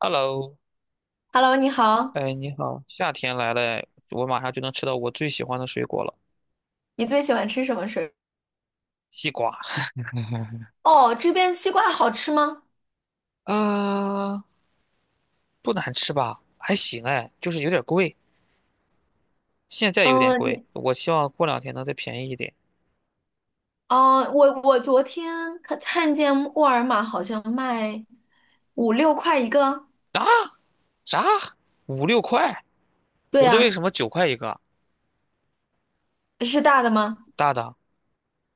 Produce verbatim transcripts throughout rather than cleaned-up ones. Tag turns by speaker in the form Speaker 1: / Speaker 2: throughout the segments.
Speaker 1: Hello，
Speaker 2: Hello，你好，
Speaker 1: 哎，你好，夏天来了哎，我马上就能吃到我最喜欢的水果了，
Speaker 2: 你最喜欢吃什么水
Speaker 1: 西瓜
Speaker 2: 果？哦，这边西瓜好吃吗？
Speaker 1: 啊，不难吃吧？还行哎，就是有点贵，现在有点
Speaker 2: 嗯，
Speaker 1: 贵，
Speaker 2: 你
Speaker 1: 我希望过两天能再便宜一点。
Speaker 2: 哦，我我昨天看看见沃尔玛好像卖五六块一个，
Speaker 1: 啊，啥？五六块？
Speaker 2: 对
Speaker 1: 我这为
Speaker 2: 呀，
Speaker 1: 什么九块一个？
Speaker 2: 是大的吗？
Speaker 1: 大的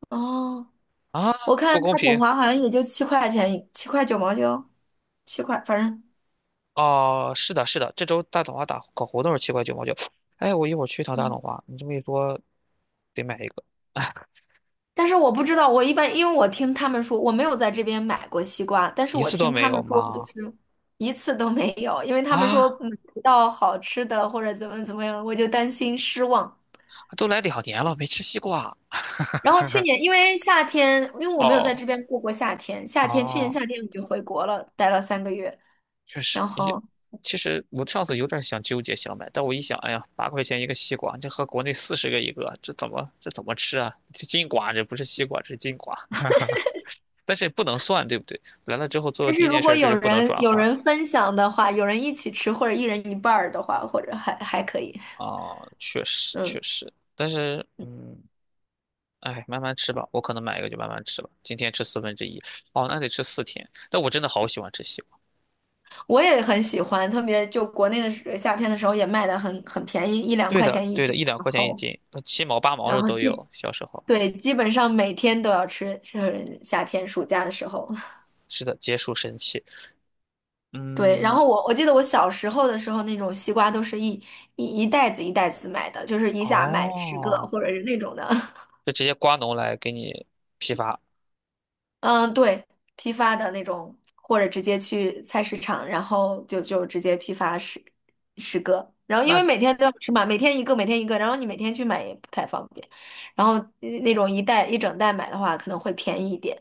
Speaker 2: 哦，
Speaker 1: 啊，
Speaker 2: 我
Speaker 1: 不
Speaker 2: 看
Speaker 1: 公
Speaker 2: 大桶
Speaker 1: 平。
Speaker 2: 华好像也就七块钱一七块九毛九，七块，反正。
Speaker 1: 哦，是的，是的，这周大董花打搞活动是七块九毛九。哎，我一会儿去一趟大董
Speaker 2: 嗯，
Speaker 1: 花，你这么一说，得买一个，
Speaker 2: 但是我不知道，我一般因为我听他们说，我没有在这边买过西瓜，但是
Speaker 1: 一
Speaker 2: 我
Speaker 1: 次都
Speaker 2: 听
Speaker 1: 没
Speaker 2: 他
Speaker 1: 有
Speaker 2: 们说就
Speaker 1: 吗？
Speaker 2: 是一次都没有，因为他们说
Speaker 1: 啊，
Speaker 2: 买不到好吃的或者怎么怎么样，我就担心失望。
Speaker 1: 都来两年了，没吃西瓜。
Speaker 2: 然后去年因为夏天，因为我没有在这
Speaker 1: 哦，
Speaker 2: 边过过夏天，夏天去年
Speaker 1: 哦，
Speaker 2: 夏天我就回国了，待了三个月。
Speaker 1: 确
Speaker 2: 然
Speaker 1: 实，也
Speaker 2: 后，
Speaker 1: 其实我上次有点想纠结想买，但我一想，哎呀，八块钱一个西瓜，这和国内四十个一个，这怎么这怎么吃啊？这金瓜，这不是西瓜，这是金瓜，但是也不能算，对不对？来了之后做的
Speaker 2: 但是
Speaker 1: 第一
Speaker 2: 如
Speaker 1: 件事
Speaker 2: 果
Speaker 1: 儿就
Speaker 2: 有
Speaker 1: 是不能
Speaker 2: 人
Speaker 1: 转
Speaker 2: 有
Speaker 1: 换
Speaker 2: 人分享的话，有人一起吃或者一人一半儿的话，或者还还可以，
Speaker 1: 啊，确实确
Speaker 2: 嗯。
Speaker 1: 实，但是嗯。哎，慢慢吃吧，我可能买一个就慢慢吃吧。今天吃四分之一，哦，那得吃四天。但我真的好喜欢吃西瓜。
Speaker 2: 我也很喜欢，特别就国内的时夏天的时候也卖的很很便宜，一两
Speaker 1: 对
Speaker 2: 块
Speaker 1: 的，
Speaker 2: 钱一
Speaker 1: 对的，
Speaker 2: 斤，
Speaker 1: 一两
Speaker 2: 然
Speaker 1: 块钱一
Speaker 2: 后
Speaker 1: 斤，那七毛八毛
Speaker 2: 然
Speaker 1: 的
Speaker 2: 后
Speaker 1: 都
Speaker 2: 基
Speaker 1: 有。小时候，
Speaker 2: 对，基本上每天都要吃，是夏天暑假的时候。
Speaker 1: 是的，结束神器。
Speaker 2: 对，然
Speaker 1: 嗯，
Speaker 2: 后我我记得我小时候的时候，那种西瓜都是一一一袋子一袋子买的，就是一下买十个
Speaker 1: 哦，
Speaker 2: 或者是那种的。
Speaker 1: 就直接瓜农来给你批发。
Speaker 2: 嗯，对，批发的那种，或者直接去菜市场，然后就就直接批发十十个。然后因为每
Speaker 1: 那
Speaker 2: 天都要吃嘛，每天一个，每天一个，然后你每天去买也不太方便。然后呃那种一袋一整袋买的话，可能会便宜一点。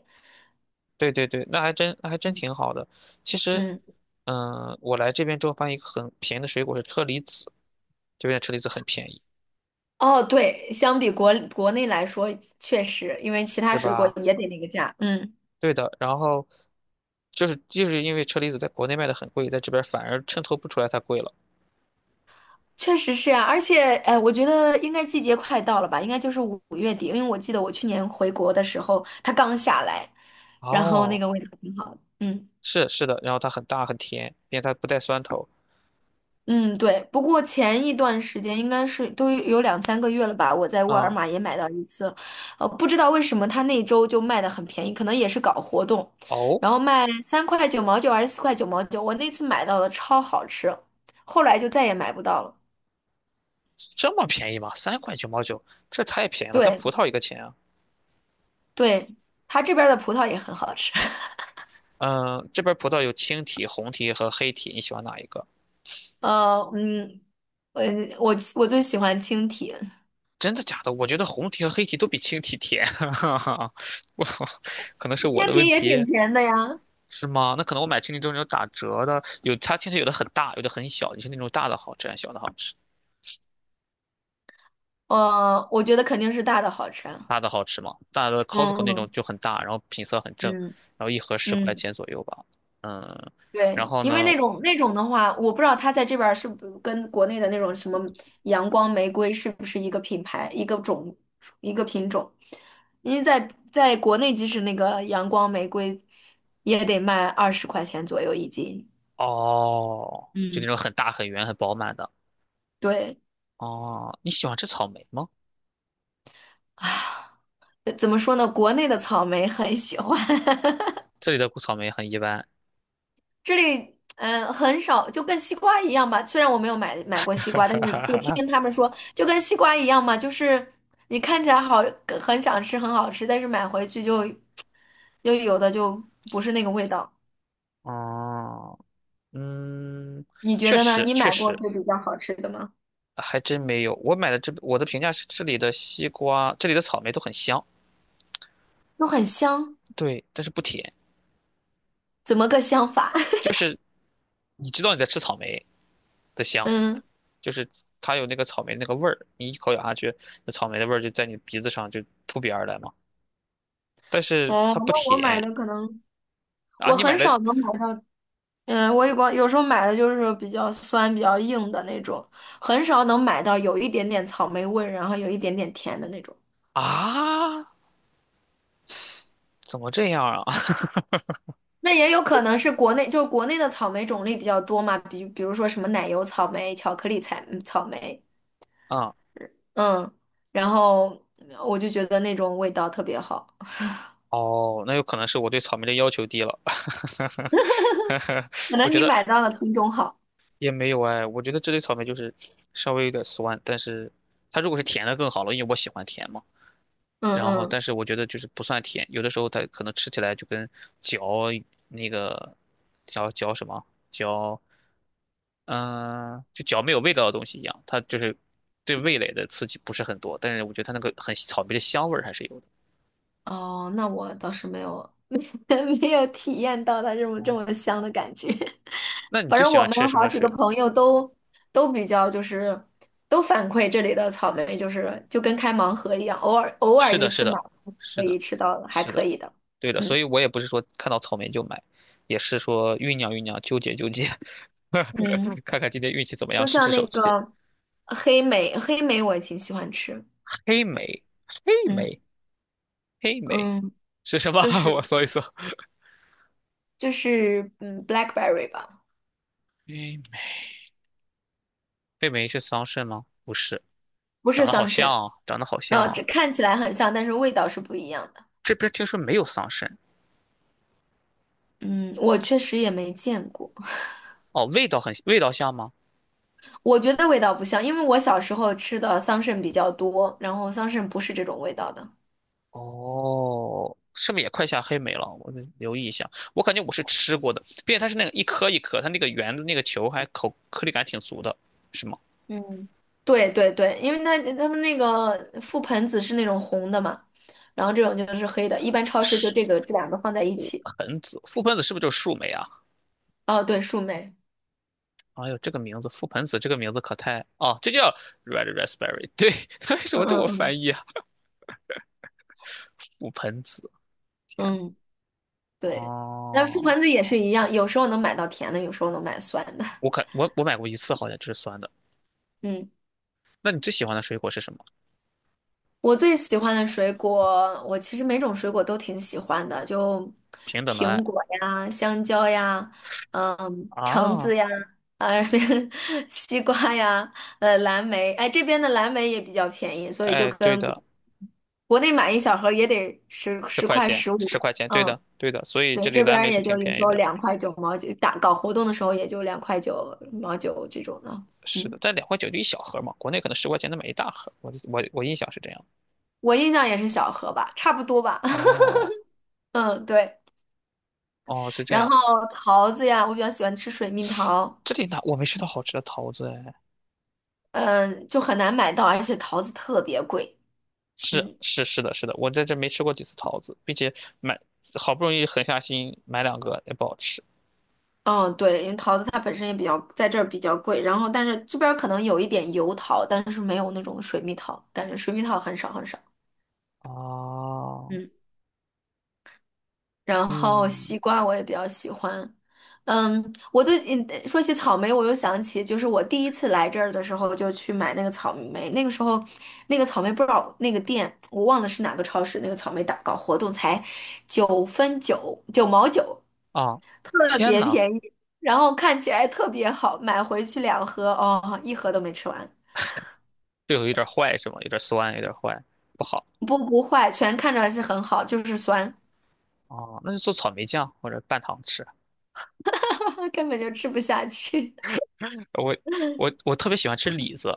Speaker 1: 对对对，那还真那还真
Speaker 2: 嗯
Speaker 1: 挺好的。其实，
Speaker 2: 嗯，
Speaker 1: 嗯，我来这边之后发现一个很便宜的水果是车厘子，这边的车厘子很便宜，
Speaker 2: 哦，对，相比国国内来说，确实，因为其他
Speaker 1: 是
Speaker 2: 水果
Speaker 1: 吧？
Speaker 2: 也得那个价。嗯。
Speaker 1: 对的。然后就是就是因为车厘子在国内卖的很贵，在这边反而衬托不出来它贵了。
Speaker 2: 确实是啊，而且，呃，我觉得应该季节快到了吧，应该就是五五月底，因为我记得我去年回国的时候，它刚下来，然后那
Speaker 1: 哦，
Speaker 2: 个味道挺好的。嗯
Speaker 1: 是是的，然后它很大很甜，并且它不带酸头。
Speaker 2: 嗯，对。不过前一段时间应该是都有两三个月了吧，我在沃尔
Speaker 1: 啊，
Speaker 2: 玛也买到一次，呃，不知道为什么它那周就卖的很便宜，可能也是搞活动，
Speaker 1: 哦，
Speaker 2: 然后卖三块九毛九还是四块九毛九，我那次买到的超好吃，后来就再也买不到了。
Speaker 1: 这么便宜吗？三块九毛九，这太便宜了，跟
Speaker 2: 对
Speaker 1: 葡萄一个钱啊。
Speaker 2: 对，它这边儿的葡萄也很好吃。
Speaker 1: 嗯，这边葡萄有青提、红提和黑提，你喜欢哪一个？
Speaker 2: 呃，嗯，我我我最喜欢青提，
Speaker 1: 真的假的？我觉得红提和黑提都比青提甜，我可能是我
Speaker 2: 青
Speaker 1: 的问
Speaker 2: 提也挺
Speaker 1: 题，
Speaker 2: 甜的呀。
Speaker 1: 是吗？那可能我买青提都是那种打折的，有它青提有的很大，有的很小，你是那种大的好吃还是小的好吃？
Speaker 2: 呃，我觉得肯定是大的好吃啊。
Speaker 1: 大的好吃吗？大的 Costco 那种
Speaker 2: 嗯
Speaker 1: 就很大，然后品色很正，
Speaker 2: 嗯
Speaker 1: 然后一盒
Speaker 2: 嗯
Speaker 1: 十块
Speaker 2: 嗯，
Speaker 1: 钱左右吧。嗯，然
Speaker 2: 对，
Speaker 1: 后
Speaker 2: 因为
Speaker 1: 呢？
Speaker 2: 那种那种的话，我不知道它在这边儿是不跟国内的那种什么阳光玫瑰是不是一个品牌、一个种、一个品种。因为在在国内，即使那个阳光玫瑰也得卖二十块钱左右一斤。
Speaker 1: 哦，就那
Speaker 2: 嗯，
Speaker 1: 种很大、很圆、很饱满的。
Speaker 2: 对。
Speaker 1: 哦，你喜欢吃草莓吗？
Speaker 2: 唉呃怎么说呢？国内的草莓很喜欢，
Speaker 1: 这里的草莓很一般。
Speaker 2: 这里嗯很少，就跟西瓜一样吧。虽然我没有买买过西瓜，但是就听 他们说，就跟西瓜一样嘛，就是你看起来好，很想吃，很好吃，但是买回去就又有的就不是那个味道。
Speaker 1: 哦，嗯，
Speaker 2: 你觉
Speaker 1: 确
Speaker 2: 得呢？
Speaker 1: 实
Speaker 2: 你
Speaker 1: 确
Speaker 2: 买过
Speaker 1: 实，
Speaker 2: 就比较好吃的吗？
Speaker 1: 还真没有。我买的这我的评价是这里的西瓜，这里的草莓都很香，
Speaker 2: 都很香，
Speaker 1: 对，但是不甜，
Speaker 2: 怎么个香法？
Speaker 1: 就是你知道你在吃草莓的香，
Speaker 2: 嗯，
Speaker 1: 就是它有那个草莓那个味儿，你一口咬下去，那草莓的味儿就在你鼻子上就扑鼻而来嘛。但是
Speaker 2: 哦，
Speaker 1: 它不
Speaker 2: 那我买
Speaker 1: 甜
Speaker 2: 的可能
Speaker 1: 啊，
Speaker 2: 我
Speaker 1: 你买
Speaker 2: 很
Speaker 1: 的
Speaker 2: 少能买到。嗯，我也光有时候买的就是比较酸、比较硬的那种，很少能买到有一点点草莓味，然后有一点点甜的那种。
Speaker 1: 啊，怎么这样啊？
Speaker 2: 那也有可能是国内，就是国内的草莓种类比较多嘛，比比如说什么奶油草莓、巧克力彩嗯草莓，
Speaker 1: 啊，
Speaker 2: 嗯，然后我就觉得那种味道特别好，
Speaker 1: 哦，那有可能是我对草莓的要求低了。
Speaker 2: 可
Speaker 1: 我
Speaker 2: 能
Speaker 1: 觉
Speaker 2: 你买
Speaker 1: 得
Speaker 2: 到的品种好，
Speaker 1: 也没有哎，我觉得这类草莓就是稍微有点酸，但是它如果是甜的更好了，因为我喜欢甜嘛。
Speaker 2: 嗯
Speaker 1: 然后，
Speaker 2: 嗯，
Speaker 1: 但是我觉得就是不算甜，有的时候它可能吃起来就跟嚼那个嚼嚼什么嚼，嗯、就嚼没有味道的东西一样，它就是对味蕾的刺激不是很多，但是我觉得它那个很草莓的香味儿还是有的。
Speaker 2: 哦，那我倒是没有 没有体验到它这么这么香的感觉。
Speaker 1: 那你最喜
Speaker 2: 我
Speaker 1: 欢吃
Speaker 2: 们
Speaker 1: 什
Speaker 2: 好
Speaker 1: 么
Speaker 2: 几
Speaker 1: 水
Speaker 2: 个
Speaker 1: 果？
Speaker 2: 朋友都都比较就是都反馈这里的草莓就是就跟开盲盒一样，偶尔偶尔
Speaker 1: 是
Speaker 2: 一
Speaker 1: 的，是
Speaker 2: 次买
Speaker 1: 的，是
Speaker 2: 可
Speaker 1: 的，
Speaker 2: 以吃到还
Speaker 1: 是
Speaker 2: 可
Speaker 1: 的，
Speaker 2: 以的。
Speaker 1: 对的。所
Speaker 2: 嗯
Speaker 1: 以我也不是说看到草莓就买，也是说酝酿酝酿，纠结纠结，
Speaker 2: 嗯，
Speaker 1: 看看今天运气怎么样，
Speaker 2: 就
Speaker 1: 试
Speaker 2: 像
Speaker 1: 试
Speaker 2: 那
Speaker 1: 手气。
Speaker 2: 个黑莓，黑莓我也挺喜欢吃。
Speaker 1: 黑
Speaker 2: 嗯
Speaker 1: 莓，黑
Speaker 2: 嗯
Speaker 1: 莓，黑莓
Speaker 2: 嗯，
Speaker 1: 是什么？
Speaker 2: 就
Speaker 1: 我
Speaker 2: 是
Speaker 1: 搜一搜。
Speaker 2: 就是嗯，blackberry 吧，
Speaker 1: 黑莓黑莓是桑葚吗？不是，
Speaker 2: 不
Speaker 1: 长
Speaker 2: 是
Speaker 1: 得好
Speaker 2: 桑
Speaker 1: 像
Speaker 2: 葚。
Speaker 1: 啊，长得好像
Speaker 2: 呃，
Speaker 1: 啊。
Speaker 2: 这看起来很像，但是味道是不一样的。
Speaker 1: 这边听说没有桑葚。
Speaker 2: 嗯，我确实也没见过。
Speaker 1: 哦，味道很，味道像吗？
Speaker 2: 我觉得味道不像，因为我小时候吃的桑葚比较多，然后桑葚不是这种味道的。
Speaker 1: 哦，是不是也快下黑莓了？我得留意一下。我感觉我是吃过的，并且它是那个一颗一颗，它那个圆的那个球还口颗粒感挺足的，是吗？
Speaker 2: 嗯，对对对，因为它他们那个覆盆子是那种红的嘛，然后这种就是黑的，一般超市就这个这两个放在一
Speaker 1: 覆
Speaker 2: 起。
Speaker 1: 盆子，覆盆子是不是就是树莓啊？
Speaker 2: 哦，对，树莓，
Speaker 1: 哎呦，这个名字，覆盆子这个名字可太……哦，这叫 red raspberry。对，它为什
Speaker 2: 嗯
Speaker 1: 么这么
Speaker 2: 嗯嗯，
Speaker 1: 翻译啊？覆盆子，天呐
Speaker 2: 嗯，对，但是覆
Speaker 1: 哦，
Speaker 2: 盆子也是一样，有时候能买到甜的，有时候能买酸的。
Speaker 1: 我可我我买过一次，好像就是酸的。
Speaker 2: 嗯。
Speaker 1: 那你最喜欢的水果是什么？
Speaker 2: 我最喜欢的水果，我其实每种水果都挺喜欢的，就
Speaker 1: 平等的爱
Speaker 2: 苹果呀、香蕉呀、嗯、橙
Speaker 1: 啊，
Speaker 2: 子呀、呃、西瓜呀、呃、蓝莓。哎，这边的蓝莓也比较便宜，所以就
Speaker 1: 哎，对
Speaker 2: 跟国
Speaker 1: 的。
Speaker 2: 国内买一小盒也得十
Speaker 1: 十
Speaker 2: 十
Speaker 1: 块
Speaker 2: 块
Speaker 1: 钱，
Speaker 2: 十五。
Speaker 1: 十块钱，对
Speaker 2: 嗯，
Speaker 1: 的，对的，所以这
Speaker 2: 对，
Speaker 1: 里
Speaker 2: 这边
Speaker 1: 蓝
Speaker 2: 儿
Speaker 1: 莓是
Speaker 2: 也就
Speaker 1: 挺
Speaker 2: 有
Speaker 1: 便
Speaker 2: 时
Speaker 1: 宜
Speaker 2: 候
Speaker 1: 的，
Speaker 2: 两块九毛九，打搞活动的时候也就两块九毛九这种的。
Speaker 1: 是的，
Speaker 2: 嗯，
Speaker 1: 在两块九就一小盒嘛，国内可能十块钱能买一大盒，我我我印象是这样。
Speaker 2: 我印象也是小盒吧，差不多吧。
Speaker 1: 哦
Speaker 2: 嗯，对。
Speaker 1: 哦，是这
Speaker 2: 然
Speaker 1: 样，
Speaker 2: 后桃子呀，我比较喜欢吃水蜜桃，
Speaker 1: 这里哪我没吃到好吃的桃子哎，
Speaker 2: 嗯，就很难买到，而且桃子特别贵。
Speaker 1: 是
Speaker 2: 嗯
Speaker 1: 是是的，是的，我在这没吃过几次桃子，并且买好不容易狠下心买两个也不好吃。
Speaker 2: 嗯，对，因为桃子它本身也比较在这儿比较贵，然后但是这边儿可能有一点油桃，但是没有那种水蜜桃，感觉水蜜桃很少很少。
Speaker 1: 哦，
Speaker 2: 嗯。然后
Speaker 1: 嗯
Speaker 2: 西瓜我也比较喜欢。嗯，我对，嗯说起草莓，我又想起，就是我第一次来这儿的时候，就去买那个草莓。那个时候，那个草莓不知道那个店，我忘了是哪个超市，那个草莓打搞活动才九分九九毛九，
Speaker 1: 啊，
Speaker 2: 特
Speaker 1: 天
Speaker 2: 别
Speaker 1: 呐，
Speaker 2: 便宜，然后看起来特别好，买回去两盒，哦，一盒都没吃完，
Speaker 1: 这个有点坏是吗？有点酸，有点坏，不好。
Speaker 2: 不，不坏，全看着是很好，就是酸，
Speaker 1: 哦，那就做草莓酱或者拌糖吃。
Speaker 2: 根本就吃不下去。
Speaker 1: 我我我特别喜欢吃李子，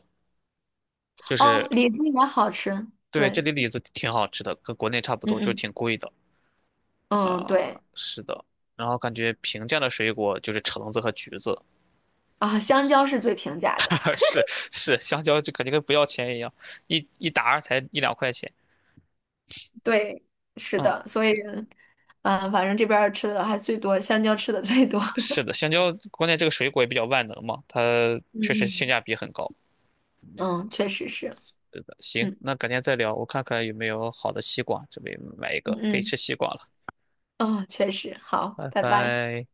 Speaker 1: 就
Speaker 2: 哦，
Speaker 1: 是
Speaker 2: 李子也好吃，
Speaker 1: 对这
Speaker 2: 对。
Speaker 1: 里李子挺好吃的，跟国内差不
Speaker 2: 嗯
Speaker 1: 多，就是
Speaker 2: 嗯。
Speaker 1: 挺贵的。
Speaker 2: 嗯，
Speaker 1: 啊、
Speaker 2: 对
Speaker 1: 是的。然后感觉平价的水果就是橙子和橘子，
Speaker 2: 啊，香蕉是最平价的，
Speaker 1: 是是，香蕉就感觉跟不要钱一样，一一打儿才一两块钱。
Speaker 2: 对，是
Speaker 1: 嗯，
Speaker 2: 的，所以，嗯，反正这边儿吃的还最多，香蕉吃的最多，
Speaker 1: 是的，香蕉关键这个水果也比较万能嘛，它
Speaker 2: 嗯
Speaker 1: 确实性
Speaker 2: 嗯。
Speaker 1: 价比很高。
Speaker 2: 嗯，确实是，
Speaker 1: 是的，行，
Speaker 2: 嗯
Speaker 1: 那改天再聊，我看看有没有好的西瓜，准备买一
Speaker 2: 嗯
Speaker 1: 个，可以
Speaker 2: 嗯，
Speaker 1: 吃西瓜了，
Speaker 2: 哦，确实，好，
Speaker 1: 拜
Speaker 2: 拜拜。
Speaker 1: 拜。